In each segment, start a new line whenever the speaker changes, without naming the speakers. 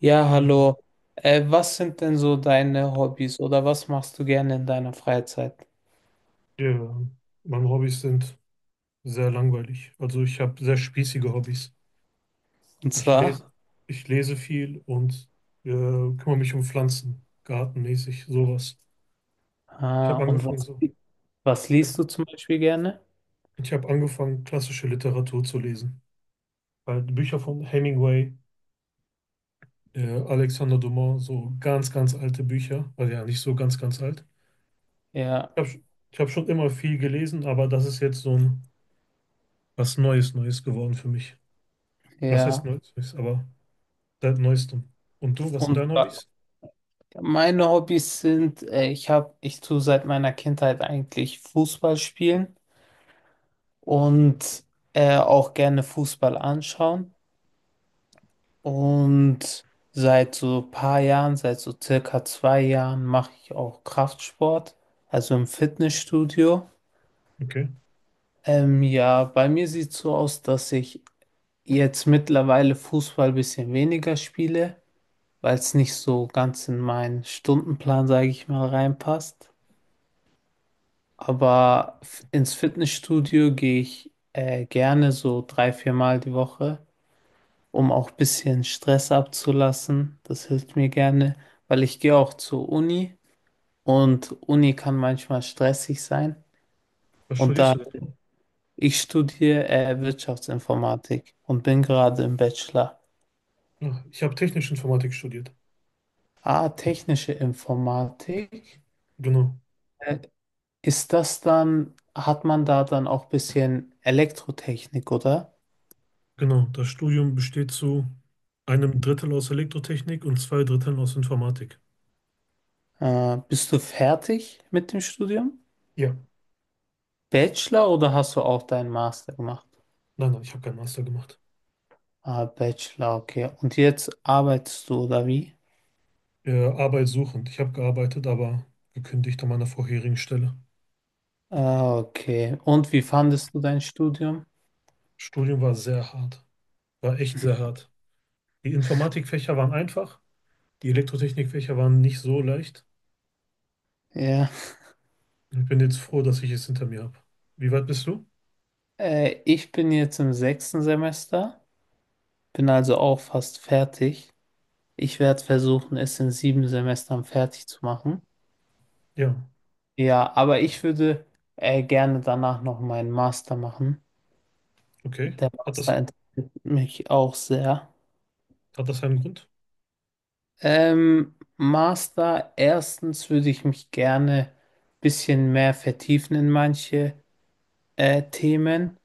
Ja,
Äh,
hallo. Was sind denn so deine Hobbys oder was machst du gerne in deiner Freizeit?
Ja, meine Hobbys sind sehr langweilig. Also ich habe sehr spießige Hobbys.
Und
Ich
zwar,
lese, ich lese viel und kümmere mich um Pflanzen, gartenmäßig, sowas. Ich
ah,
habe
und
angefangen
was,
so.
was liest du zum Beispiel gerne?
Ich habe angefangen, klassische Literatur zu lesen. Halt Bücher von Hemingway, Alexander Dumas, so ganz, ganz alte Bücher. Also ja, nicht so ganz, ganz alt.
Ja,
Ich habe ich hab schon immer viel gelesen, aber das ist jetzt so ein was Neues, Neues geworden für mich. Was heißt
ja.
Neues, Neues, aber. Seit neuestem. Und du, was sind
Und
deine
äh,
Hobbys?
meine Hobbys sind, ich tue seit meiner Kindheit eigentlich Fußball spielen und auch gerne Fußball anschauen. Und seit so ein paar Jahren, seit so circa 2 Jahren, mache ich auch Kraftsport, also im Fitnessstudio.
Okay.
Ja, bei mir sieht es so aus, dass ich jetzt mittlerweile Fußball ein bisschen weniger spiele, weil es nicht so ganz in meinen Stundenplan, sage ich mal, reinpasst. Aber ins Fitnessstudio gehe ich gerne so 3, 4 Mal die Woche, um auch ein bisschen Stress abzulassen. Das hilft mir gerne, weil ich gehe auch zur Uni und Uni kann manchmal stressig sein.
Was
Und da
studierst du denn?
Ich studiere Wirtschaftsinformatik und bin gerade im Bachelor.
Ach, ich habe technische Informatik studiert.
Ah, technische Informatik.
Genau.
Äh, hat man da dann auch ein bisschen Elektrotechnik, oder?
Genau, das Studium besteht zu einem Drittel aus Elektrotechnik und zwei Dritteln aus Informatik.
Bist du fertig mit dem Studium?
Ja.
Bachelor oder hast du auch deinen Master gemacht?
Nein, nein, ich habe keinen Master gemacht.
Ah, Bachelor, okay. Und jetzt arbeitest du, oder wie?
Arbeitssuchend. Ich habe gearbeitet, aber gekündigt an meiner vorherigen Stelle.
Ah, okay. Und wie fandest du dein Studium?
Studium war sehr hart. War echt sehr hart. Die Informatikfächer waren einfach, die Elektrotechnikfächer waren nicht so leicht.
Ja.
Ich bin jetzt froh, dass ich es hinter mir habe. Wie weit bist du?
Ich bin jetzt im 6. Semester. Bin also auch fast fertig. Ich werde versuchen, es in 7 Semestern fertig zu machen.
Ja,
Ja, aber ich würde gerne danach noch meinen Master machen.
okay.
Der
Hat das,
Master interessiert mich auch sehr.
hat das einen Grund?
Master, erstens würde ich mich gerne ein bisschen mehr vertiefen in manche Themen.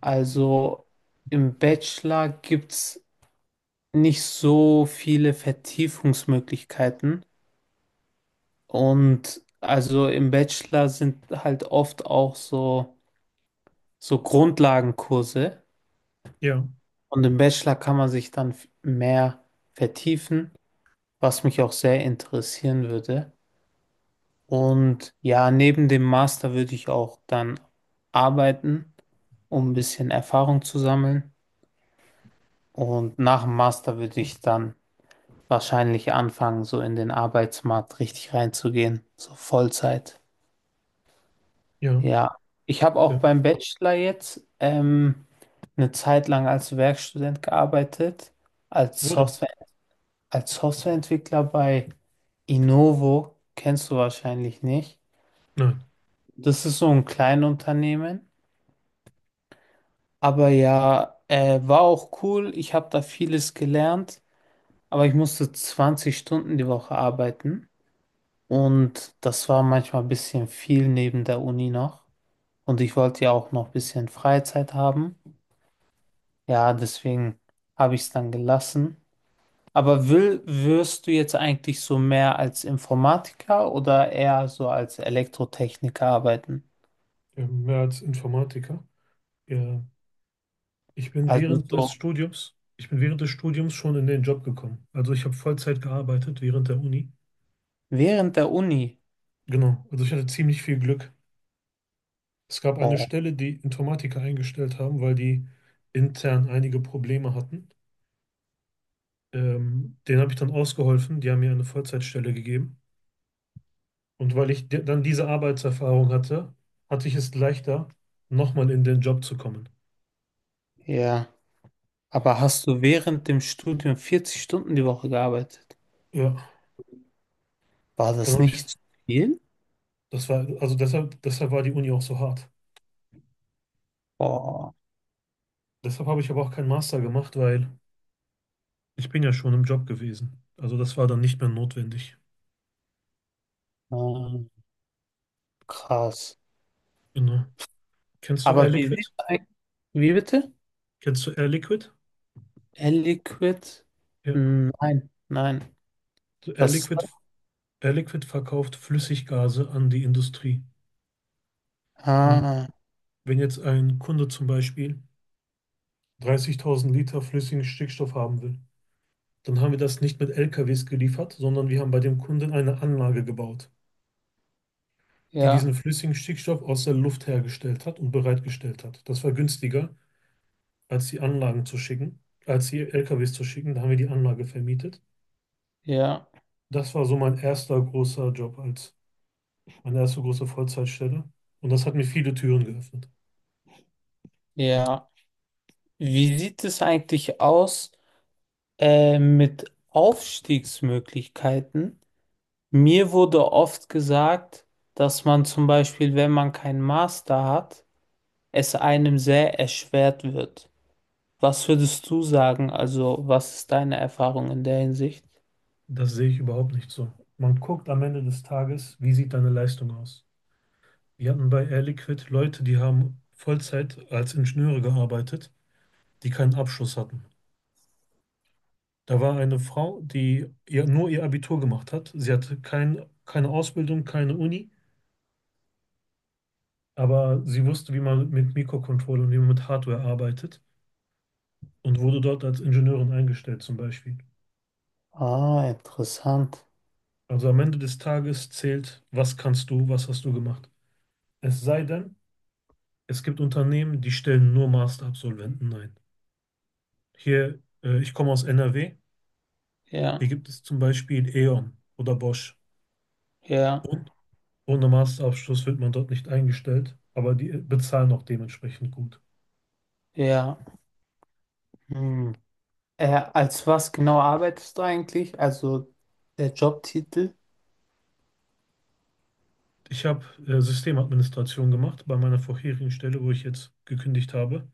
Also im Bachelor gibt es nicht so viele Vertiefungsmöglichkeiten. Und also im Bachelor sind halt oft auch so, so Grundlagenkurse.
Ja,
Und im Bachelor kann man sich dann mehr vertiefen, was mich auch sehr interessieren würde. Und ja, neben dem Master würde ich auch dann arbeiten, um ein bisschen Erfahrung zu sammeln. Und nach dem Master würde ich dann wahrscheinlich anfangen, so in den Arbeitsmarkt richtig reinzugehen, so Vollzeit.
ja,
Ja, ich habe auch
ja.
beim Bachelor jetzt eine Zeit lang als Werkstudent gearbeitet, als
Wurde?
Software, als Softwareentwickler bei Innovo, kennst du wahrscheinlich nicht.
Nein,
Das ist so ein Kleinunternehmen, aber ja, war auch cool. Ich habe da vieles gelernt, aber ich musste 20 Stunden die Woche arbeiten und das war manchmal ein bisschen viel neben der Uni noch. Und ich wollte ja auch noch ein bisschen Freizeit haben. Ja, deswegen habe ich es dann gelassen. Aber wirst du jetzt eigentlich so mehr als Informatiker oder eher so als Elektrotechniker arbeiten?
ja, mehr als Informatiker. Ja,
Also so
ich bin während des Studiums schon in den Job gekommen. Also ich habe Vollzeit gearbeitet während der Uni.
während der Uni.
Genau, also ich hatte ziemlich viel Glück. Es gab eine
Boah,
Stelle, die Informatiker eingestellt haben, weil die intern einige Probleme hatten. Denen habe ich dann ausgeholfen. Die haben mir eine Vollzeitstelle gegeben. Und weil ich dann diese Arbeitserfahrung hatte, hatte ich es leichter, nochmal in den Job zu kommen.
ja. Aber hast du während dem Studium 40 Stunden die Woche gearbeitet?
Ja,
War
dann
das
habe ich,
nicht zu viel?
das war, also deshalb war die Uni auch so hart.
Boah,
Deshalb habe ich aber auch keinen Master gemacht, weil ich bin ja schon im Job gewesen. Also das war dann nicht mehr notwendig.
ähm, krass.
Genau. Kennst du Air
Aber wie, sieht's
Liquid?
eigentlich- Wie bitte?
Kennst du Air Liquid?
L-Liquid?
Ja.
Nein, nein.
So Air
Was?
Liquid, Air Liquid verkauft Flüssiggase an die Industrie. Hm.
Ah,
Wenn jetzt ein Kunde zum Beispiel 30.000 Liter flüssigen Stickstoff haben will, dann haben wir das nicht mit LKWs geliefert, sondern wir haben bei dem Kunden eine Anlage gebaut, die
ja.
diesen flüssigen Stickstoff aus der Luft hergestellt hat und bereitgestellt hat. Das war günstiger, als die Anlagen zu schicken, als die LKWs zu schicken. Da haben wir die Anlage vermietet.
Ja,
Das war so mein erster großer Job, als meine erste große Vollzeitstelle. Und das hat mir viele Türen geöffnet.
ja. Wie sieht es eigentlich aus mit Aufstiegsmöglichkeiten? Mir wurde oft gesagt, dass man zum Beispiel, wenn man keinen Master hat, es einem sehr erschwert wird. Was würdest du sagen? Also, was ist deine Erfahrung in der Hinsicht?
Das sehe ich überhaupt nicht so. Man guckt am Ende des Tages, wie sieht deine Leistung aus? Wir hatten bei Air Liquid Leute, die haben Vollzeit als Ingenieure gearbeitet, die keinen Abschluss hatten. Da war eine Frau, die nur ihr Abitur gemacht hat. Sie hatte keine Ausbildung, keine Uni, aber sie wusste, wie man mit Mikrocontrollern und wie man mit Hardware arbeitet und wurde dort als Ingenieurin eingestellt zum Beispiel.
Ah, interessant.
Also am Ende des Tages zählt, was kannst du, was hast du gemacht. Es sei denn, es gibt Unternehmen, die stellen nur Masterabsolventen ein. Hier, ich komme aus NRW,
Ja,
hier gibt es zum Beispiel E.ON oder Bosch.
ja,
Und ohne Masterabschluss wird man dort nicht eingestellt, aber die bezahlen auch dementsprechend gut.
ja. Hm. Äh, als was genau arbeitest du eigentlich? Also der Jobtitel?
Ich habe Systemadministration gemacht bei meiner vorherigen Stelle, wo ich jetzt gekündigt habe.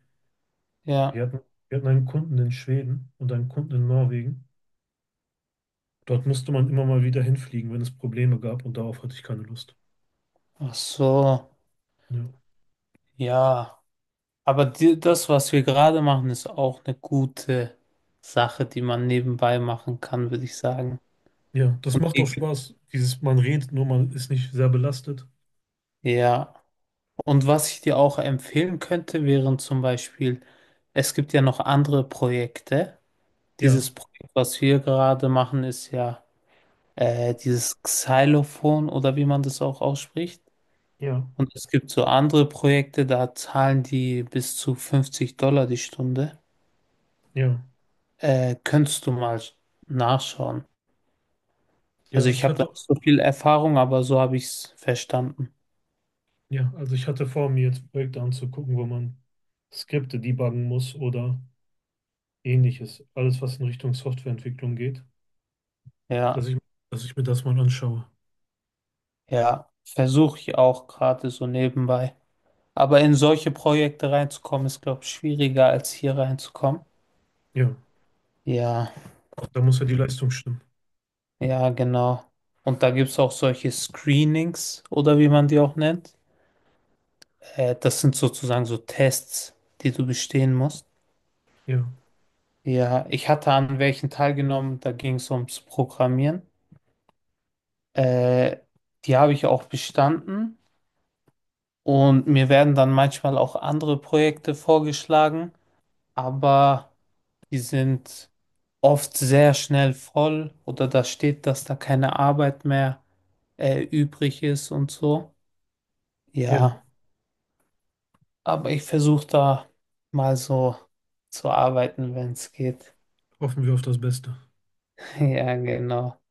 Ja.
Wir hatten, wir hatten einen Kunden in Schweden und einen Kunden in Norwegen. Dort musste man immer mal wieder hinfliegen, wenn es Probleme gab, und darauf hatte ich keine Lust.
Ach so.
Ja,
Ja, aber die, das, was wir gerade machen, ist auch eine gute Sache, die man nebenbei machen kann, würde ich sagen.
ja, das
Und
macht auch
die-
Spaß. Dieses, man redet nur, man ist nicht sehr belastet.
ja, und was ich dir auch empfehlen könnte, wären zum Beispiel, es gibt ja noch andere Projekte.
Ja,
Dieses Projekt, was wir gerade machen, ist ja dieses Xylophon oder wie man das auch ausspricht.
ja,
Und es gibt so andere Projekte, da zahlen die bis zu $50 die Stunde.
ja,
Könntest du mal nachschauen. Also
ja.
ich
Ich
habe da
hatte,
nicht so viel Erfahrung, aber so habe ich es verstanden.
ja, also ich hatte vor, mir jetzt Projekte anzugucken, wo man Skripte debuggen muss oder Ähnliches, alles was in Richtung Softwareentwicklung geht,
Ja,
dass ich, dass ich mir das mal anschaue.
ja, versuche ich auch gerade so nebenbei. Aber in solche Projekte reinzukommen, ist, glaube ich, schwieriger als hier reinzukommen.
Ja,
Ja,
da muss ja die Leistung stimmen.
ja, genau. Und da gibt es auch solche Screenings oder wie man die auch nennt. Das sind sozusagen so Tests, die du bestehen musst.
Ja,
Ja, ich hatte an welchen teilgenommen, da ging es ums Programmieren. Äh, die habe ich auch bestanden. Und mir werden dann manchmal auch andere Projekte vorgeschlagen, aber die sind oft sehr schnell voll oder da steht, dass da keine Arbeit mehr übrig ist und so.
ja,
Ja, aber ich versuche da mal so zu arbeiten, wenn es geht.
hoffen wir auf das Beste.
Ja, genau.